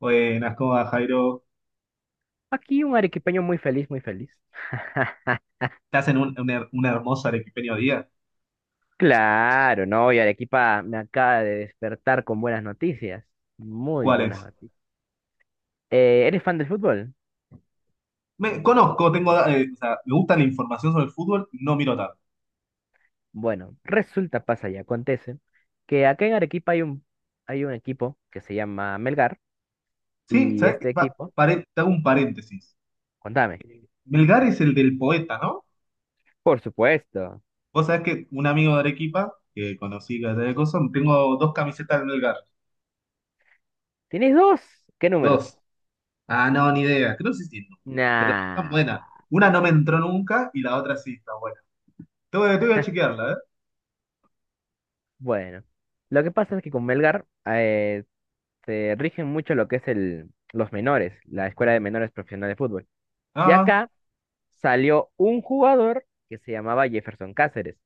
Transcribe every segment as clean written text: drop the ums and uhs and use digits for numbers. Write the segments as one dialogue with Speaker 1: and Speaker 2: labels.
Speaker 1: Buenas, ¿cómo va, Jairo?
Speaker 2: Aquí un arequipeño muy feliz, muy feliz.
Speaker 1: ¿Estás en un hermoso arequipeño día?
Speaker 2: Claro, no, y Arequipa me acaba de despertar con buenas noticias. Muy
Speaker 1: ¿Cuál
Speaker 2: buenas
Speaker 1: es?
Speaker 2: noticias. ¿Eres fan del fútbol?
Speaker 1: Me conozco, tengo, o sea, me gusta la información sobre el fútbol, no miro tanto.
Speaker 2: Bueno, resulta, pasa y acontece que acá en Arequipa hay un equipo que se llama Melgar
Speaker 1: Sí,
Speaker 2: y
Speaker 1: ¿sabes qué?
Speaker 2: este equipo,
Speaker 1: Te hago un paréntesis.
Speaker 2: contame.
Speaker 1: Melgar es el del poeta, ¿no?
Speaker 2: Por supuesto.
Speaker 1: Vos sabés que un amigo de Arequipa, que conocí que era de cosas, tengo dos camisetas del Melgar.
Speaker 2: ¿Tienes dos? ¿Qué números?
Speaker 1: Dos. Ah, no, ni idea. Creo que sí tiene, pero están buenas.
Speaker 2: Nah.
Speaker 1: Una no me entró nunca y la otra sí está buena. Te voy a chequearla, ¿eh?
Speaker 2: Bueno, lo que pasa es que con Melgar, se rigen mucho lo que es los menores, la Escuela de Menores Profesional de Fútbol. Y
Speaker 1: Ah,
Speaker 2: acá salió un jugador que se llamaba Jefferson Cáceres.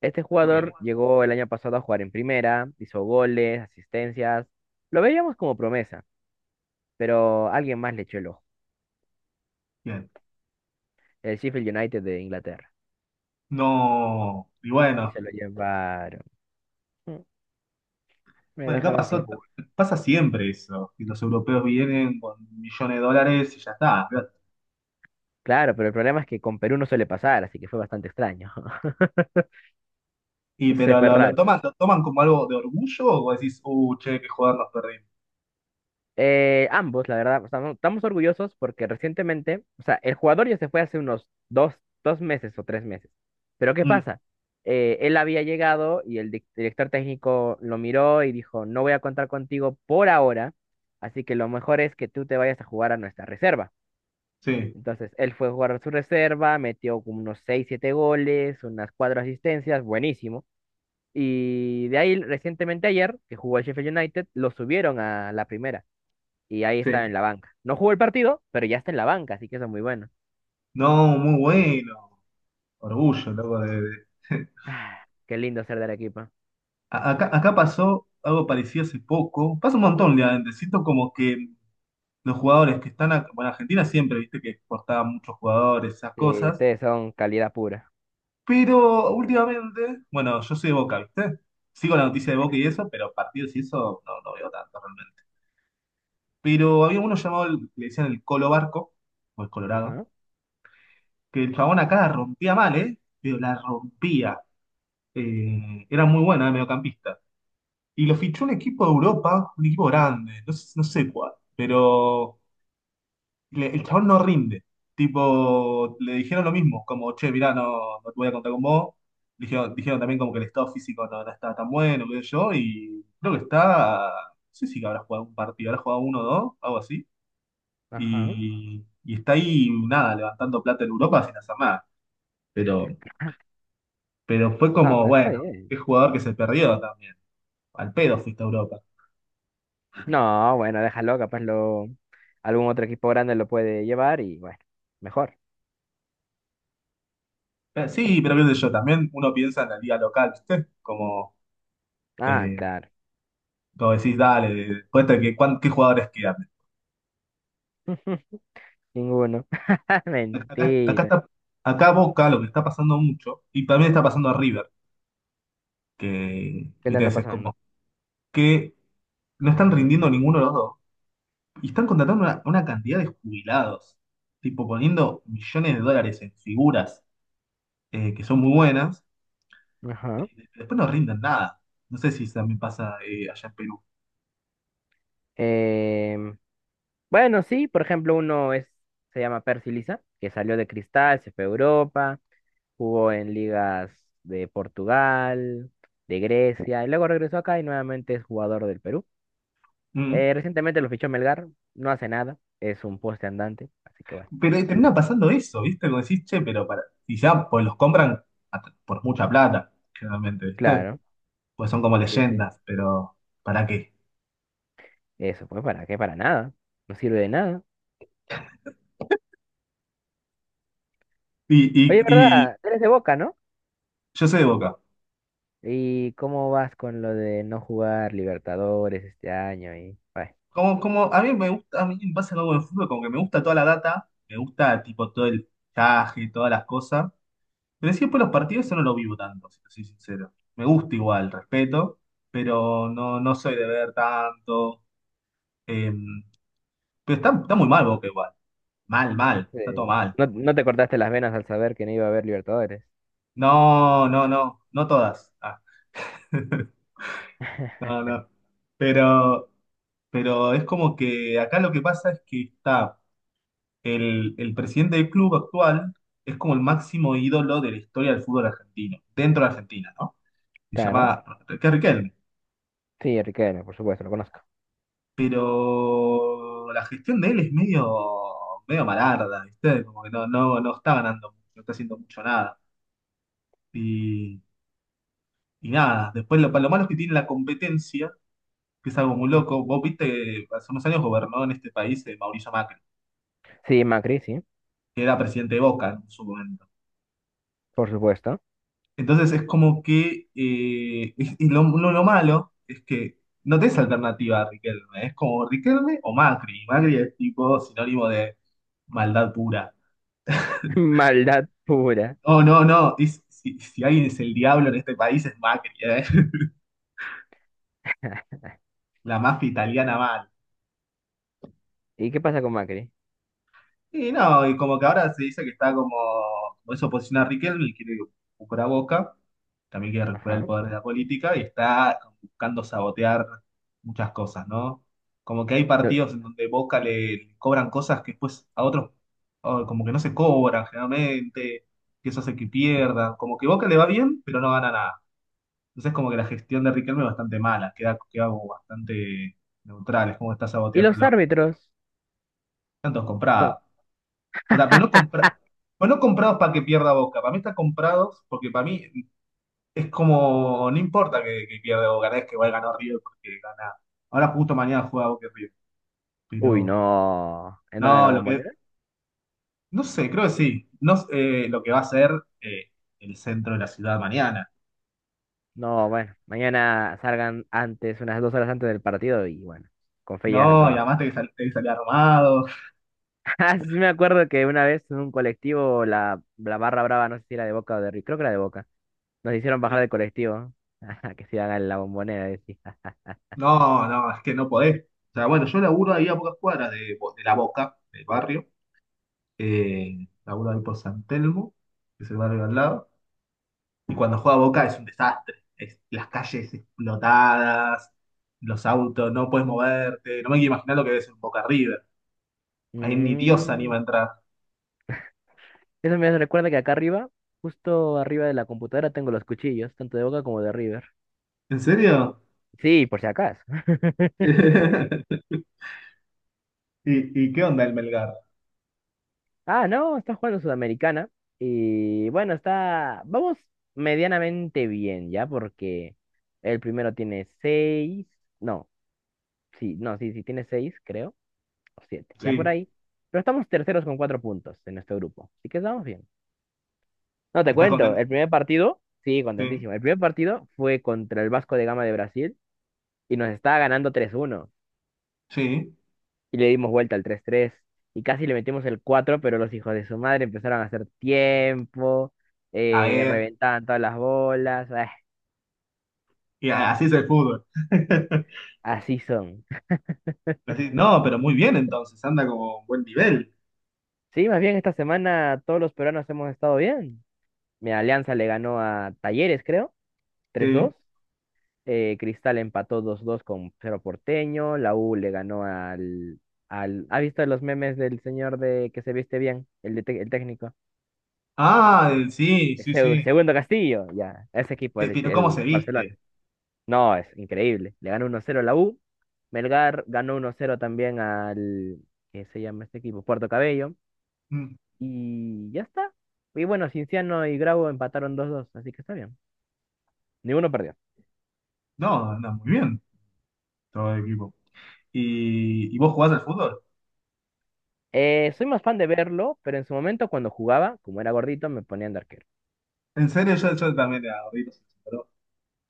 Speaker 2: Este
Speaker 1: ok.
Speaker 2: jugador llegó el año pasado a jugar en primera, hizo goles, asistencias. Lo veíamos como promesa, pero alguien más le echó el ojo.
Speaker 1: Bien.
Speaker 2: El Sheffield United de Inglaterra.
Speaker 1: No. Y
Speaker 2: Y
Speaker 1: bueno.
Speaker 2: se lo llevaron. Mm. Me
Speaker 1: Bueno,
Speaker 2: dejaron sin jugar.
Speaker 1: pasa siempre eso, que los europeos vienen con millones de dólares y ya está.
Speaker 2: Claro, pero el problema es que con Perú no suele pasar, así que fue bastante extraño.
Speaker 1: Y
Speaker 2: No sé,
Speaker 1: pero
Speaker 2: fue
Speaker 1: lo, lo
Speaker 2: raro.
Speaker 1: toman, lo toman como algo de orgullo o decís, che, qué joder nos perdimos.
Speaker 2: Ambos, la verdad, estamos orgullosos porque recientemente, o sea, el jugador ya se fue hace unos dos meses o 3 meses. Pero ¿qué
Speaker 1: Mm,
Speaker 2: pasa? Él había llegado y el director técnico lo miró y dijo, no voy a contar contigo por ahora, así que lo mejor es que tú te vayas a jugar a nuestra reserva.
Speaker 1: sí,
Speaker 2: Entonces, él fue a jugar a su reserva, metió como unos seis, siete goles, unas cuatro asistencias, buenísimo. Y de ahí, recientemente ayer, que jugó el Sheffield United, lo subieron a la primera y ahí está
Speaker 1: sí.
Speaker 2: en la banca. No jugó el partido, pero ya está en la banca, así que eso es muy bueno.
Speaker 1: No, muy bueno. Orgullo, loco,
Speaker 2: Ah, qué lindo ser de Arequipa.
Speaker 1: Acá, acá pasó algo parecido hace poco. Pasa un montón, realmente. Siento como que los jugadores que están acá, bueno, Argentina siempre, viste, que exportaba muchos jugadores, esas
Speaker 2: Sí,
Speaker 1: cosas.
Speaker 2: ustedes son calidad pura.
Speaker 1: Pero últimamente, bueno, yo soy de Boca, ¿viste? Sigo la noticia de Boca y eso, pero partidos y eso no veo tanto realmente. Pero había uno llamado, le decían el Colo Barco, o el Colorado,
Speaker 2: Ajá,
Speaker 1: que el chabón acá la rompía mal, ¿eh? Pero la rompía. Era muy buena, mediocampista. Y lo fichó un equipo de Europa, un equipo grande, no sé cuál. Pero el chabón no rinde. Tipo, le dijeron lo mismo, como, che, mirá, no te voy a contar con vos. Dijeron también como que el estado físico no está tan bueno, qué sé yo, y creo que está, no sé si habrá jugado un partido, habrá jugado uno o dos, algo así,
Speaker 2: ajá.
Speaker 1: y está ahí, nada, levantando plata en Europa sin hacer nada. Pero, pero fue
Speaker 2: No
Speaker 1: como,
Speaker 2: pues está
Speaker 1: bueno, qué
Speaker 2: bien.
Speaker 1: jugador que se perdió también. Al pedo fuiste a Europa.
Speaker 2: No, bueno, déjalo, capaz lo algún otro equipo grande lo puede llevar y bueno, mejor.
Speaker 1: Sí, pero qué sé yo, también uno piensa en la liga local, ¿viste? Como...
Speaker 2: Ah,
Speaker 1: eh,
Speaker 2: claro.
Speaker 1: como decís, dale, cuenta que qué jugadores quedan.
Speaker 2: Ninguno.
Speaker 1: Acá, acá
Speaker 2: Mentira.
Speaker 1: está, acá Boca lo que está pasando mucho, y también está pasando a River, que,
Speaker 2: ¿Qué le
Speaker 1: viste,
Speaker 2: anda
Speaker 1: es
Speaker 2: pasando?
Speaker 1: como que no están rindiendo ninguno de los dos, y están contratando una cantidad de jubilados, tipo poniendo millones de dólares en figuras que son muy buenas,
Speaker 2: Ajá.
Speaker 1: después no rinden nada. No sé si también pasa allá en Perú.
Speaker 2: Em, bueno, sí, por ejemplo, se llama Percy Lisa, que salió de Cristal, se fue a Europa, jugó en ligas de Portugal, de Grecia, y luego regresó acá y nuevamente es jugador del Perú.
Speaker 1: Mm.
Speaker 2: Recientemente lo fichó Melgar, no hace nada, es un poste andante, así que bueno.
Speaker 1: Pero termina pasando eso, ¿viste? Como decís, che, pero para. Y ya pues los compran por mucha plata, generalmente, ¿viste?
Speaker 2: Claro,
Speaker 1: Pues son como
Speaker 2: sí, sí.
Speaker 1: leyendas, pero ¿para qué?
Speaker 2: Eso fue para qué, para nada, no sirve de nada.
Speaker 1: Y, y,
Speaker 2: Oye,
Speaker 1: y
Speaker 2: ¿verdad? Eres de Boca, ¿no?
Speaker 1: yo soy de Boca.
Speaker 2: ¿Y cómo vas con lo de no jugar Libertadores este año? Y, bueno,
Speaker 1: Como, como a mí me gusta, a mí me pasa algo en el fútbol, como que me gusta toda la data, me gusta tipo todo el traje, todas las cosas, pero siempre los partidos eso no lo vivo tanto, si te soy sincero. Me gusta igual, respeto, pero no soy de ver tanto. Eh, pero está, está muy mal Boca igual, mal, mal, está todo
Speaker 2: eh,
Speaker 1: mal.
Speaker 2: no, no te cortaste las venas al saber que no iba a haber Libertadores.
Speaker 1: No, no, no, no todas. Ah. No, no. Pero, pero es como que acá lo que pasa es que está el presidente del club actual, es como el máximo ídolo de la historia del fútbol argentino, dentro de Argentina, ¿no? Se
Speaker 2: Claro,
Speaker 1: llama Enrique Riquelme.
Speaker 2: sí, Riquelme, por supuesto, lo conozco.
Speaker 1: Pero la gestión de él es medio, medio malarda, ¿viste? Como que no, no, no está ganando mucho, no está haciendo mucho nada. Y, y nada, después lo malo es que tiene la competencia, que es algo muy loco.
Speaker 2: Ujú.
Speaker 1: Vos viste, hace unos años gobernó en este país Mauricio Macri.
Speaker 2: Sí, Macri, sí.
Speaker 1: Que era presidente de Boca, ¿no?, en su momento.
Speaker 2: Por supuesto.
Speaker 1: Entonces es como que, lo malo es que no tenés alternativa a Riquelme, es como Riquelme o Macri. Y Macri es tipo sinónimo de maldad pura.
Speaker 2: Maldad pura.
Speaker 1: Oh, no, no, si, si alguien es el diablo en este país es Macri, ¿eh? La mafia italiana mal.
Speaker 2: ¿Y qué pasa con Macri?
Speaker 1: Y no, y como que ahora se dice que está como, como es oposición a Riquelme y quiere recuperar Boca, también quiere recuperar el
Speaker 2: Ajá.
Speaker 1: poder de la política y está buscando sabotear muchas cosas, ¿no? Como que hay partidos en donde Boca le cobran cosas que después a otros oh, como que no se cobran generalmente, que eso hace que pierdan, como que Boca le va bien, pero no gana nada. Entonces como que la gestión de Riquelme es bastante mala, queda, queda como bastante neutral, es como está
Speaker 2: ¿Y los
Speaker 1: saboteándolo.
Speaker 2: árbitros?
Speaker 1: Tantos
Speaker 2: Son-
Speaker 1: comprados. O sea, pero no, compra, pero no comprados para que pierda Boca. Para mí están comprados porque para mí es como, no importa que pierda Boca, no es que igual ganó River porque gana. Ahora justo mañana juega Boca y River.
Speaker 2: Uy,
Speaker 1: Pero,
Speaker 2: no. ¿En dónde? ¿En la
Speaker 1: no, lo que,
Speaker 2: bombonera?
Speaker 1: no sé, creo que sí. No, sé, lo que va a ser eh, el centro de la ciudad mañana.
Speaker 2: No, bueno. Mañana salgan antes, unas 2 horas antes del partido y bueno, con fe llegas al
Speaker 1: No, y
Speaker 2: trabajo.
Speaker 1: además tenés que, tenés que salir armado.
Speaker 2: Ah, sí me acuerdo que una vez en un colectivo, la barra brava, no sé si era de Boca o de River, creo que era de Boca, nos hicieron bajar
Speaker 1: Eh,
Speaker 2: del colectivo. Ajá, que se iban a la bombonera, decía.
Speaker 1: No, no, es que no podés. O sea, bueno, yo laburo ahí a pocas cuadras de, de la Boca, del barrio. Laburo ahí por San Telmo, que es el barrio de al lado. Y cuando juega Boca es un desastre. Las calles explotadas, los autos, no puedes moverte. No me quiero imaginar lo que ves en Boca River. Ahí ni Dios se anima
Speaker 2: Mm.
Speaker 1: a entrar.
Speaker 2: Eso me recuerda que acá arriba, justo arriba de la computadora, tengo los cuchillos, tanto de Boca como de River.
Speaker 1: ¿En serio?
Speaker 2: Sí, por si acaso.
Speaker 1: ¿Y qué onda el Melgar?
Speaker 2: Ah, no, está jugando Sudamericana. Y bueno, está. Vamos medianamente bien, ¿ya? Porque el primero tiene seis. No, sí, no, sí, sí, tiene seis, creo. O siete, ya por
Speaker 1: Sí.
Speaker 2: ahí. Pero estamos terceros con 4 puntos en nuestro grupo. Así que estamos bien. No, te
Speaker 1: ¿Estás
Speaker 2: cuento,
Speaker 1: contento?
Speaker 2: el primer partido. Sí,
Speaker 1: Sí.
Speaker 2: contentísimo. El primer partido fue contra el Vasco de Gama de Brasil y nos estaba ganando 3-1
Speaker 1: Sí.
Speaker 2: y le dimos vuelta al 3-3 y casi le metimos el 4 pero los hijos de su madre empezaron a hacer tiempo,
Speaker 1: Está bien.
Speaker 2: reventaban todas las bolas, ah,
Speaker 1: Y así es el fútbol.
Speaker 2: así son.
Speaker 1: Así- no, pero muy bien entonces. Anda como un buen nivel.
Speaker 2: Sí, más bien esta semana todos los peruanos hemos estado bien. Mi Alianza le ganó a Talleres, creo, tres
Speaker 1: Sí.
Speaker 2: dos Cristal empató 2-2 con Cerro Porteño. La U le ganó al. ¿Ha visto los memes del señor de que se viste bien? El técnico.
Speaker 1: Ah, sí, sí, sí.
Speaker 2: Segundo Castillo, ya. Ese equipo, el,
Speaker 1: Pero ¿cómo se
Speaker 2: el Barcelona.
Speaker 1: viste?
Speaker 2: No, es increíble. Le ganó 1-0 a la U. Melgar ganó 1-0 también al, ¿qué se llama este equipo? Puerto Cabello.
Speaker 1: Mm.
Speaker 2: Y ya está. Y bueno, Cinciano y Grau empataron 2-2 así que está bien. Ninguno perdió.
Speaker 1: No, anda muy bien. Todo el equipo. Y vos jugás al fútbol.
Speaker 2: Soy más fan de verlo, pero en su momento cuando jugaba, como era gordito, me ponían de arquero.
Speaker 1: En serio, yo también era gordito, sí, sí, pero,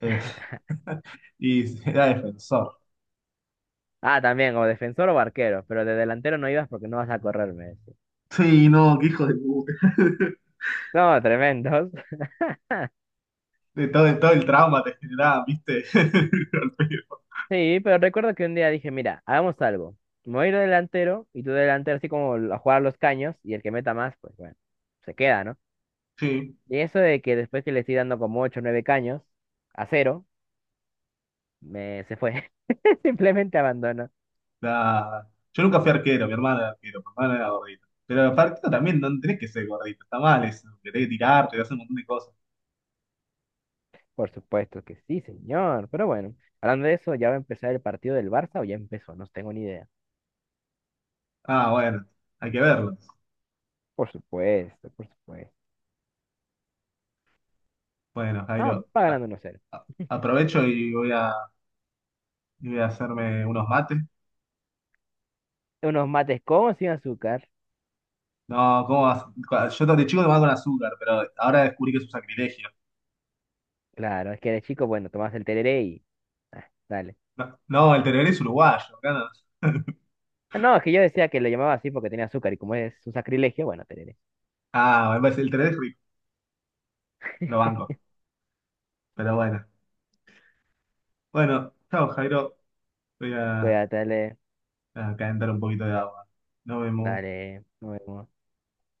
Speaker 1: eh, y era defensor.
Speaker 2: Ah, también, o defensor o arquero, pero de delantero no ibas porque no vas a correr, me decía.
Speaker 1: Sí, no, qué hijo de puta.
Speaker 2: No, tremendos.
Speaker 1: De todo el trauma te generaba, ¿viste? Al pedo.
Speaker 2: Sí, pero recuerdo que un día dije, mira, hagamos algo. Me voy a ir de delantero y tú de delantero así como a jugar a los caños y el que meta más, pues bueno, se queda, ¿no?
Speaker 1: Sí,
Speaker 2: Y eso de que después que le estoy dando como 8, o 9 caños a cero, me se fue. Simplemente abandonó.
Speaker 1: la- yo nunca fui arquero, mi hermana era arquero, mi hermana era gordita. Pero arquero también no tenés que ser gordito, está mal eso, que tenés que tirarte, que hacer un montón de cosas.
Speaker 2: Por supuesto que sí, señor. Pero bueno, hablando de eso, ¿ya va a empezar el partido del Barça o ya empezó? No tengo ni idea.
Speaker 1: Ah, bueno, hay que verlo.
Speaker 2: Por supuesto, por supuesto.
Speaker 1: Bueno,
Speaker 2: Ah,
Speaker 1: Jairo,
Speaker 2: va ganando 1-0.
Speaker 1: aprovecho y voy a hacerme unos mates.
Speaker 2: Unos mates con o sin azúcar.
Speaker 1: No, ¿cómo vas? Yo de chico tomaba con azúcar, pero ahora descubrí que es un sacrilegio.
Speaker 2: Claro, es que de chico, bueno, tomás el tereré y, ah, dale.
Speaker 1: No, no, el tereré es uruguayo, acá no.
Speaker 2: No, es que yo decía que le llamaba así porque tenía azúcar y como es un sacrilegio, bueno, te diré.
Speaker 1: Ah, me parece, el tereré es rico, lo banco. Pero bueno. Bueno, chao, Jairo. Voy
Speaker 2: Voy a darle,
Speaker 1: a calentar un poquito de agua. Nos vemos.
Speaker 2: dale, nuevo.